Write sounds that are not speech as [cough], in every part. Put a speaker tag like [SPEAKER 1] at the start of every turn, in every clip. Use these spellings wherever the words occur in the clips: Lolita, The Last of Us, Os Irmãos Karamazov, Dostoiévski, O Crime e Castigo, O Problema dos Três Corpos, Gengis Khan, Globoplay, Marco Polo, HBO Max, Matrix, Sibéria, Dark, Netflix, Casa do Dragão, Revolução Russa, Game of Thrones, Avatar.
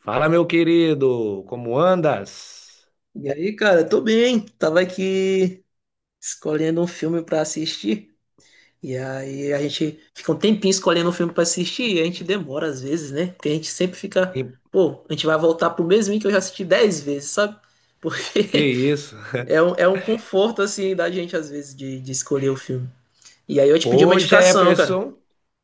[SPEAKER 1] Fala, meu querido, como andas?
[SPEAKER 2] E aí, cara, tô bem. Tava aqui escolhendo um filme pra assistir. E aí a gente fica um tempinho escolhendo um filme pra assistir e a gente demora às vezes, né? Porque a gente sempre fica,
[SPEAKER 1] E-
[SPEAKER 2] pô, a gente vai voltar pro mesmo que eu já assisti 10 vezes, sabe?
[SPEAKER 1] Que
[SPEAKER 2] Porque
[SPEAKER 1] isso?
[SPEAKER 2] [laughs] é um conforto, assim, da gente às vezes de escolher o filme. E aí eu te pedi uma
[SPEAKER 1] Pô,
[SPEAKER 2] indicação, cara.
[SPEAKER 1] Jefferson,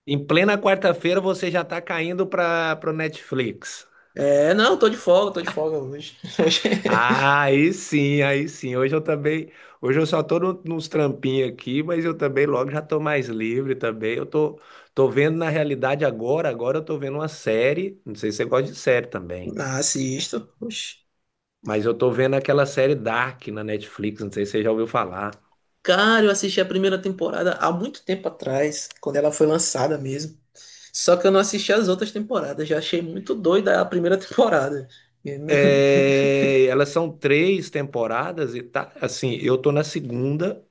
[SPEAKER 1] em plena quarta-feira você já tá caindo para pro Netflix.
[SPEAKER 2] É, não, tô de folga hoje. [laughs] Hoje.
[SPEAKER 1] Ah, aí sim, aí sim. Hoje eu também, hoje eu só tô nos trampinhos aqui, mas eu também logo já tô mais livre também. Eu tô vendo na realidade agora. Agora eu tô vendo uma série, não sei se você gosta de série também,
[SPEAKER 2] Ah, assisto. Oxi.
[SPEAKER 1] mas eu tô vendo aquela série Dark na Netflix, não sei se você já ouviu falar.
[SPEAKER 2] Cara, eu assisti a primeira temporada há muito tempo atrás, quando ela foi lançada mesmo. Só que eu não assisti as outras temporadas, já achei muito doida a primeira [laughs] temporada. E não-
[SPEAKER 1] É, elas são três temporadas e tá. Assim, eu tô na segunda,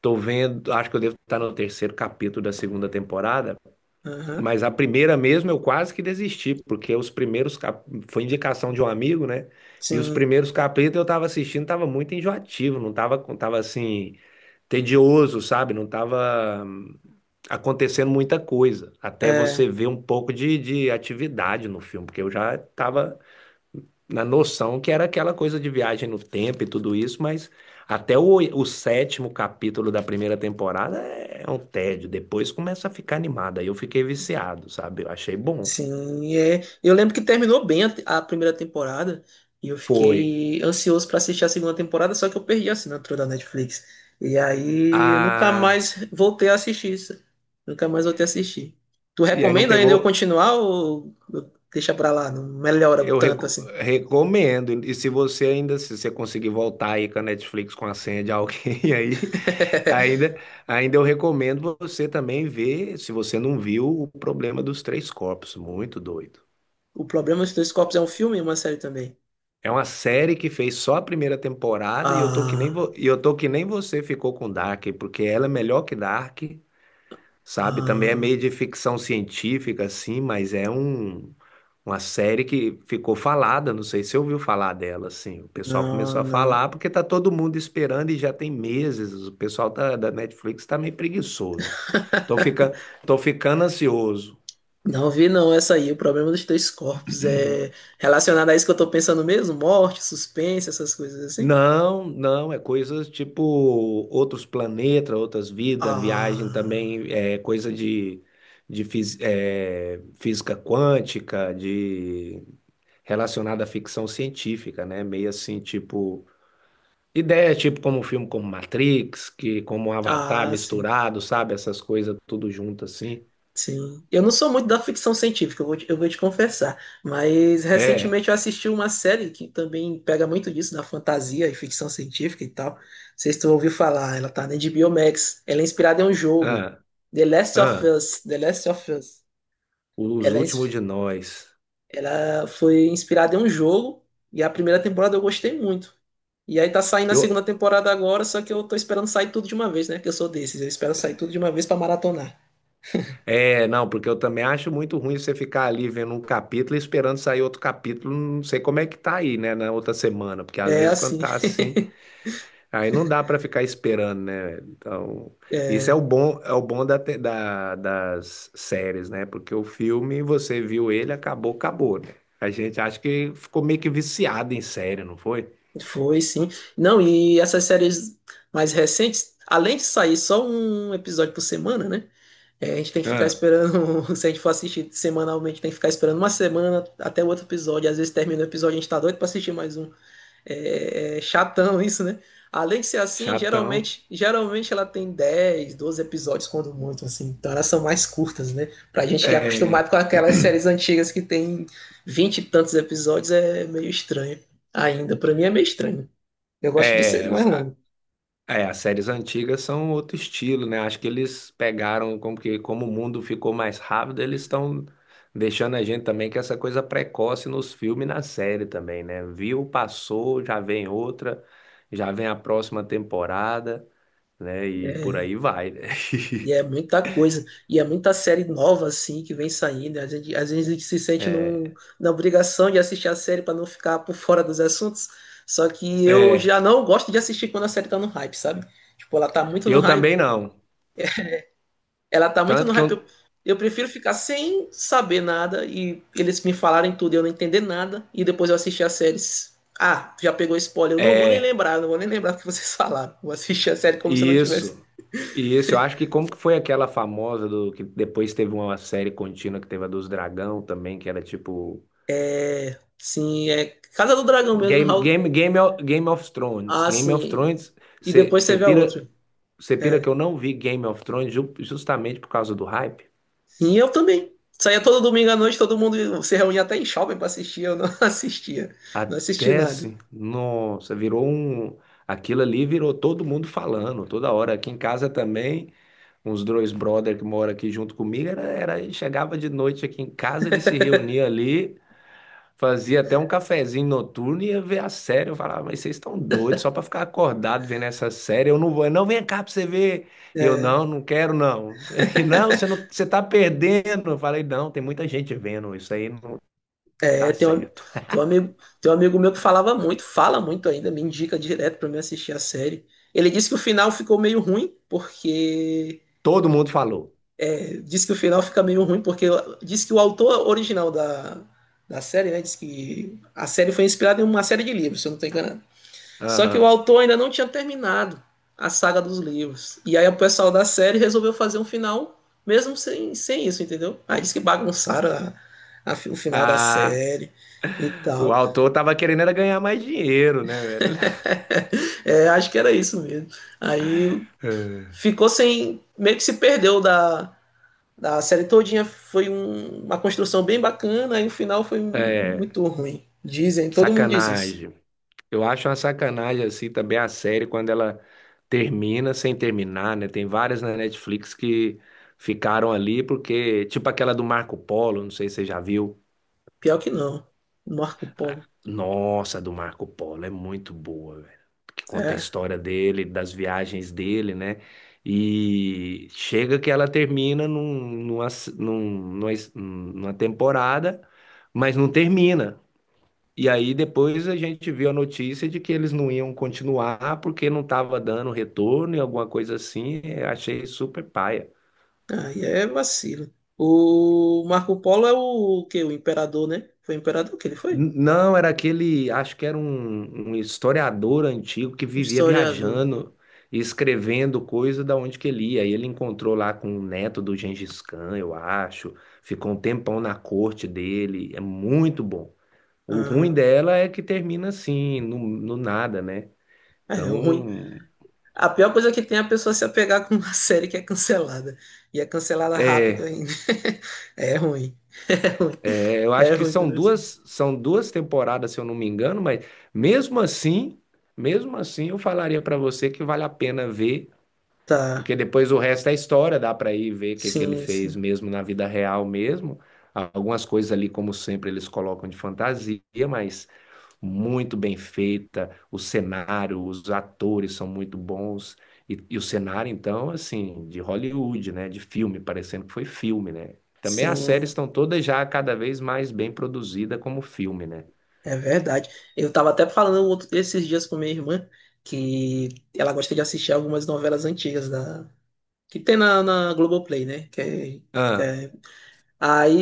[SPEAKER 1] tô vendo, acho que eu devo estar no terceiro capítulo da segunda temporada,
[SPEAKER 2] [laughs] Aham.
[SPEAKER 1] mas a primeira mesmo eu quase que desisti, porque foi indicação de um amigo, né? E os
[SPEAKER 2] Sim,
[SPEAKER 1] primeiros capítulos eu tava assistindo, tava muito enjoativo, não tava, tava assim, tedioso, sabe? Não tava acontecendo muita coisa. Até você
[SPEAKER 2] é,
[SPEAKER 1] ver um pouco de atividade no filme, porque eu já tava na noção que era aquela coisa de viagem no tempo e tudo isso, mas até o sétimo capítulo da primeira temporada é um tédio. Depois começa a ficar animada. Aí eu fiquei viciado, sabe? Eu achei bom.
[SPEAKER 2] sim, é. Eu lembro que terminou bem a, te- a primeira temporada e eu
[SPEAKER 1] Foi.
[SPEAKER 2] fiquei ansioso pra assistir a segunda temporada, só que eu perdi a assinatura da Netflix. E aí eu nunca
[SPEAKER 1] Ah,
[SPEAKER 2] mais voltei a assistir isso. Nunca mais voltei a assistir. Tu
[SPEAKER 1] e aí não
[SPEAKER 2] recomenda ainda eu
[SPEAKER 1] pegou.
[SPEAKER 2] continuar ou deixa pra lá? Não melhora
[SPEAKER 1] Eu
[SPEAKER 2] tanto
[SPEAKER 1] reco-
[SPEAKER 2] assim.
[SPEAKER 1] recomendo. E se você ainda, se você conseguir voltar aí com a Netflix com a senha de alguém [laughs] aí,
[SPEAKER 2] [laughs]
[SPEAKER 1] ainda, ainda eu recomendo você também ver, se você não viu, o problema dos três corpos. Muito doido.
[SPEAKER 2] O Problema dos Dois Corpos é um filme e uma série também.
[SPEAKER 1] É uma série que fez só a primeira temporada e eu tô
[SPEAKER 2] Ah.
[SPEAKER 1] que nem você ficou com Dark, porque ela é melhor que Dark, sabe? Também é
[SPEAKER 2] Ah,
[SPEAKER 1] meio de ficção científica, assim, mas é uma série que ficou falada. Não sei se você ouviu falar dela, assim. O pessoal
[SPEAKER 2] não,
[SPEAKER 1] começou a falar
[SPEAKER 2] não.
[SPEAKER 1] porque tá todo mundo esperando e já tem meses. O pessoal da Netflix tá meio preguiçoso. Tô
[SPEAKER 2] [laughs]
[SPEAKER 1] fica... tô ficando ansioso.
[SPEAKER 2] Não vi não essa aí. O problema dos três corpos é relacionado a isso que eu tô pensando mesmo? Morte, suspense, essas coisas assim?
[SPEAKER 1] Não, não, é coisas tipo outros planetas, outras vidas, viagem
[SPEAKER 2] Ah,
[SPEAKER 1] também, é coisa de física quântica, de relacionada à ficção científica, né? Meio assim, tipo, ideia tipo como um filme como Matrix, que como um Avatar
[SPEAKER 2] ah, sim,
[SPEAKER 1] misturado, sabe? Essas coisas tudo junto assim.
[SPEAKER 2] sim. Eu não sou muito da ficção científica, eu vou te confessar. Mas
[SPEAKER 1] É,
[SPEAKER 2] recentemente eu assisti uma série que também pega muito disso, da fantasia e ficção científica e tal. Não sei se tu ouviu falar, ela tá na HBO Max. Ela é inspirada em um jogo.
[SPEAKER 1] ah,
[SPEAKER 2] The Last of
[SPEAKER 1] ah,
[SPEAKER 2] Us. The Last of Us.
[SPEAKER 1] os
[SPEAKER 2] Ela é,
[SPEAKER 1] últimos
[SPEAKER 2] ins-
[SPEAKER 1] de nós.
[SPEAKER 2] Ela foi inspirada em um jogo e a primeira temporada eu gostei muito. E aí tá saindo a segunda
[SPEAKER 1] Eu,
[SPEAKER 2] temporada agora, só que eu tô esperando sair tudo de uma vez, né? Que eu sou desses, eu espero sair tudo de uma vez pra maratonar.
[SPEAKER 1] É, não, porque eu também acho muito ruim você ficar ali vendo um capítulo e esperando sair outro capítulo. Não sei como é que tá aí, né, na outra semana, porque às
[SPEAKER 2] É
[SPEAKER 1] vezes quando
[SPEAKER 2] assim.
[SPEAKER 1] tá assim,
[SPEAKER 2] [laughs]
[SPEAKER 1] aí não dá pra ficar esperando, né? Então, isso
[SPEAKER 2] É,
[SPEAKER 1] é o bom das séries, né? Porque o filme, você viu ele, acabou, acabou, né? A gente acha que ficou meio que viciado em série, não foi?
[SPEAKER 2] foi sim. Não, e essas séries mais recentes, além de sair só um episódio por semana, né? É, a gente tem que ficar
[SPEAKER 1] Ah,
[SPEAKER 2] esperando, [laughs] se a gente for assistir semanalmente, tem que ficar esperando uma semana até o outro episódio. Às vezes termina o episódio, a gente tá doido pra assistir mais um. É, é chatão isso, né? Além de ser assim,
[SPEAKER 1] chatão.
[SPEAKER 2] geralmente ela tem 10 12 episódios, quando muito, assim. Então elas são mais curtas, né? Pra gente que é acostumado
[SPEAKER 1] É.
[SPEAKER 2] com aquelas séries antigas que tem 20 e tantos episódios, é meio estranho ainda. Pra mim é meio estranho. Eu
[SPEAKER 1] [clears throat]
[SPEAKER 2] gosto de série
[SPEAKER 1] é,
[SPEAKER 2] mais longa.
[SPEAKER 1] as séries antigas são outro estilo, né? Acho que eles pegaram como que como o mundo ficou mais rápido, eles estão deixando a gente também com essa coisa precoce nos filmes e na série também, né? Viu, passou, já vem outra, já vem a próxima temporada, né? E por
[SPEAKER 2] É,
[SPEAKER 1] aí vai, né?
[SPEAKER 2] e é
[SPEAKER 1] [laughs]
[SPEAKER 2] muita coisa, e é muita série nova assim que vem saindo. Às vezes a gente se sente num,
[SPEAKER 1] É,
[SPEAKER 2] na obrigação de assistir a série para não ficar por fora dos assuntos. Só que eu
[SPEAKER 1] é,
[SPEAKER 2] já não gosto de assistir quando a série tá no hype, sabe? Tipo, ela tá muito no
[SPEAKER 1] eu
[SPEAKER 2] hype.
[SPEAKER 1] também não.
[SPEAKER 2] Ela tá muito
[SPEAKER 1] Tanto
[SPEAKER 2] no
[SPEAKER 1] que eu,
[SPEAKER 2] hype. Eu prefiro ficar sem saber nada e eles me falarem tudo e eu não entender nada. E depois eu assistir as séries. Ah, já pegou spoiler. Eu não vou nem
[SPEAKER 1] é,
[SPEAKER 2] lembrar, não vou nem lembrar o que vocês [laughs] falaram. Vou assistir a série como se eu não tivesse.
[SPEAKER 1] isso. E isso, eu acho que como que foi aquela famosa do que depois teve uma série contínua que teve a dos Dragão também, que era tipo
[SPEAKER 2] Sim, é Casa do Dragão mesmo.
[SPEAKER 1] Game of Thrones.
[SPEAKER 2] Ah,
[SPEAKER 1] Game of
[SPEAKER 2] sim.
[SPEAKER 1] Thrones,
[SPEAKER 2] E depois
[SPEAKER 1] você
[SPEAKER 2] teve a
[SPEAKER 1] pira,
[SPEAKER 2] outra.
[SPEAKER 1] você pira que
[SPEAKER 2] É.
[SPEAKER 1] eu não vi Game of Thrones justamente por causa do hype.
[SPEAKER 2] E eu também. Saía todo domingo à noite, todo mundo se reunia até em shopping pra assistir. Eu não [laughs] assistia. Não assisti
[SPEAKER 1] Até
[SPEAKER 2] nada.
[SPEAKER 1] assim, nossa, virou um. Aquilo ali virou todo mundo falando, toda hora. Aqui em casa também, uns dois brother que moram aqui junto comigo, era, chegava de noite aqui em casa, eles se reuniam ali. Fazia até um cafezinho noturno e ia ver a série. Eu falava, mas vocês estão doidos só pra ficar acordado vendo essa série. Eu não vou, não, vem cá pra você ver. E eu,
[SPEAKER 2] É,
[SPEAKER 1] não, não quero, não. [laughs] E não, você
[SPEAKER 2] [laughs]
[SPEAKER 1] não, você tá perdendo. Eu falei, não, tem muita gente vendo, isso aí não tá
[SPEAKER 2] é
[SPEAKER 1] certo.
[SPEAKER 2] tem um amigo, tem um amigo meu que falava muito, fala muito ainda, me indica direto pra mim assistir a série. Ele disse que o final ficou meio ruim, porque.
[SPEAKER 1] Todo mundo falou.
[SPEAKER 2] É, disse que o final fica meio ruim, porque disse que o autor original da série, né? Disse que a série foi inspirada em uma série de livros, se eu não estou enganado. Só que o
[SPEAKER 1] Aham.
[SPEAKER 2] autor ainda não tinha terminado a saga dos livros. E aí o pessoal da série resolveu fazer um final mesmo sem isso, entendeu? Aí disse que bagunçaram o final da
[SPEAKER 1] Ah,
[SPEAKER 2] série e
[SPEAKER 1] o
[SPEAKER 2] tal.
[SPEAKER 1] autor tava querendo era ganhar mais dinheiro, né, velho? [laughs]
[SPEAKER 2] É, acho que era isso mesmo. Aí ficou sem. Meio que se perdeu da série todinha. Foi um, uma construção bem bacana e o final foi
[SPEAKER 1] É,
[SPEAKER 2] muito ruim. Dizem, todo mundo diz isso.
[SPEAKER 1] sacanagem. Eu acho uma sacanagem assim também a série quando ela termina sem terminar, né? Tem várias na Netflix que ficaram ali porque, tipo aquela do Marco Polo, não sei se você já viu.
[SPEAKER 2] Pior que não. Marco Polo.
[SPEAKER 1] Nossa, a do Marco Polo é muito boa, velho. Que conta a
[SPEAKER 2] É,
[SPEAKER 1] história dele, das viagens dele, né? E chega que ela termina numa temporada, mas não termina. E aí depois a gente viu a notícia de que eles não iam continuar porque não estava dando retorno e alguma coisa assim. Eu achei super paia.
[SPEAKER 2] aí é vacilo. O Marco Polo é o, que o imperador, né? Foi imperador que ele foi?
[SPEAKER 1] Não, era aquele, acho que era um historiador antigo que
[SPEAKER 2] O
[SPEAKER 1] vivia
[SPEAKER 2] historiador.
[SPEAKER 1] viajando e escrevendo coisa da onde que ele ia. E ele encontrou lá com o neto do Gengis Khan, eu acho. Ficou um tempão na corte dele. É muito bom. O ruim
[SPEAKER 2] Aham.
[SPEAKER 1] dela é que termina assim, no nada, né?
[SPEAKER 2] É é ruim.
[SPEAKER 1] Então,
[SPEAKER 2] A pior coisa é que tem é a pessoa se apegar com uma [laughs] série que é cancelada. E é cancelada rápido
[SPEAKER 1] é,
[SPEAKER 2] ainda. [laughs] É ruim. É ruim.
[SPEAKER 1] Eu acho
[SPEAKER 2] É
[SPEAKER 1] que
[SPEAKER 2] ruim
[SPEAKER 1] são
[SPEAKER 2] quando é assim.
[SPEAKER 1] duas, são duas temporadas, se eu não me engano, mas mesmo assim, mesmo assim, eu falaria para você que vale a pena ver
[SPEAKER 2] Tá.
[SPEAKER 1] porque depois o resto é história, dá para ir ver o que que ele
[SPEAKER 2] Sim,
[SPEAKER 1] fez
[SPEAKER 2] sim.
[SPEAKER 1] mesmo na vida real mesmo. Algumas coisas ali, como sempre, eles colocam de fantasia, mas muito bem feita. O cenário, os atores são muito bons. E o cenário, então, assim, de Hollywood, né? De filme, parecendo que foi filme, né? Também as séries
[SPEAKER 2] Sim,
[SPEAKER 1] estão todas já cada vez mais bem produzidas como filme, né?
[SPEAKER 2] é verdade. Eu tava até falando um outro, esses dias com minha irmã que ela gosta de assistir algumas novelas antigas da que tem na Globoplay, né? Que é, que
[SPEAKER 1] Ah,
[SPEAKER 2] é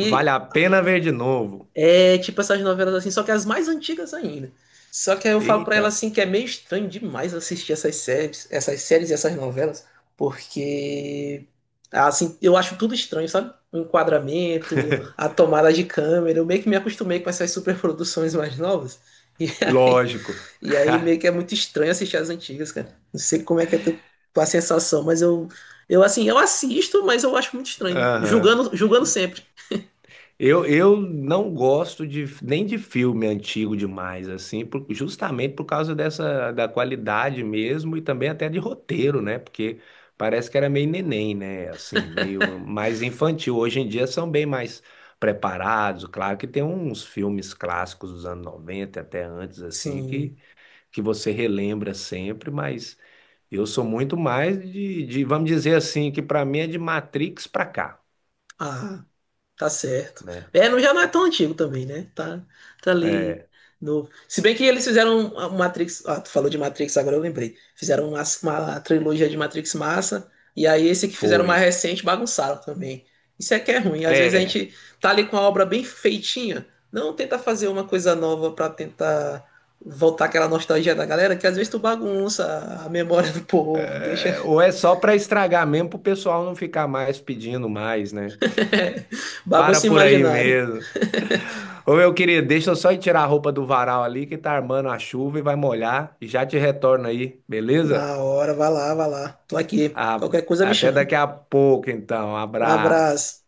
[SPEAKER 1] vale a pena ver de novo.
[SPEAKER 2] é tipo essas novelas assim, só que as mais antigas ainda. Só que aí eu falo pra
[SPEAKER 1] Eita,
[SPEAKER 2] ela assim que é meio estranho demais assistir essas séries, e essas novelas, porque assim, eu acho tudo estranho, sabe? O enquadramento, a
[SPEAKER 1] [laughs]
[SPEAKER 2] tomada de câmera, eu meio que me acostumei com essas superproduções mais novas. [laughs]
[SPEAKER 1] lógico.
[SPEAKER 2] E aí meio que é
[SPEAKER 1] [laughs]
[SPEAKER 2] muito estranho assistir as antigas, cara. Não sei como é que é tu- tua sensação, mas eu assim, eu assisto, mas eu acho muito estranho,
[SPEAKER 1] Aham.
[SPEAKER 2] julgando sempre.
[SPEAKER 1] Eu não gosto nem de filme antigo demais, assim, justamente por causa dessa, da qualidade mesmo e também até de roteiro, né? Porque parece que era meio neném, né? Assim, meio mais infantil. Hoje em dia são bem mais preparados. Claro que tem uns filmes clássicos dos anos 90 até antes, assim,
[SPEAKER 2] Sim.
[SPEAKER 1] que você relembra sempre, mas eu sou muito mais vamos dizer assim, que para mim é de Matrix pra cá,
[SPEAKER 2] Ah. Tá certo.
[SPEAKER 1] né?
[SPEAKER 2] É, não, já não é tão antigo também, né? Tá, tá ali
[SPEAKER 1] É.
[SPEAKER 2] novo. Se bem que eles fizeram uma Matrix. Ah, tu falou de Matrix, agora eu lembrei. Fizeram uma trilogia de Matrix massa. E aí esse que fizeram
[SPEAKER 1] Foi.
[SPEAKER 2] mais recente bagunçaram também. Isso é que é ruim. Às vezes a
[SPEAKER 1] É.
[SPEAKER 2] gente tá ali com a obra bem feitinha. Não tenta fazer uma coisa nova pra tentar voltar aquela nostalgia da galera, que às vezes tu bagunça a memória do povo, deixa
[SPEAKER 1] Ou é só para estragar mesmo pro pessoal não ficar mais pedindo mais, né?
[SPEAKER 2] [laughs]
[SPEAKER 1] Para
[SPEAKER 2] bagunça
[SPEAKER 1] por aí
[SPEAKER 2] imaginário.
[SPEAKER 1] mesmo. Ô meu querido, deixa eu só ir tirar a roupa do varal ali que tá armando a chuva e vai molhar e já te retorno aí, beleza?
[SPEAKER 2] Na hora, vai lá, vai lá. Tô aqui.
[SPEAKER 1] Ah,
[SPEAKER 2] Qualquer coisa me
[SPEAKER 1] até
[SPEAKER 2] chama.
[SPEAKER 1] daqui a pouco então.
[SPEAKER 2] Um
[SPEAKER 1] Abraço.
[SPEAKER 2] abraço.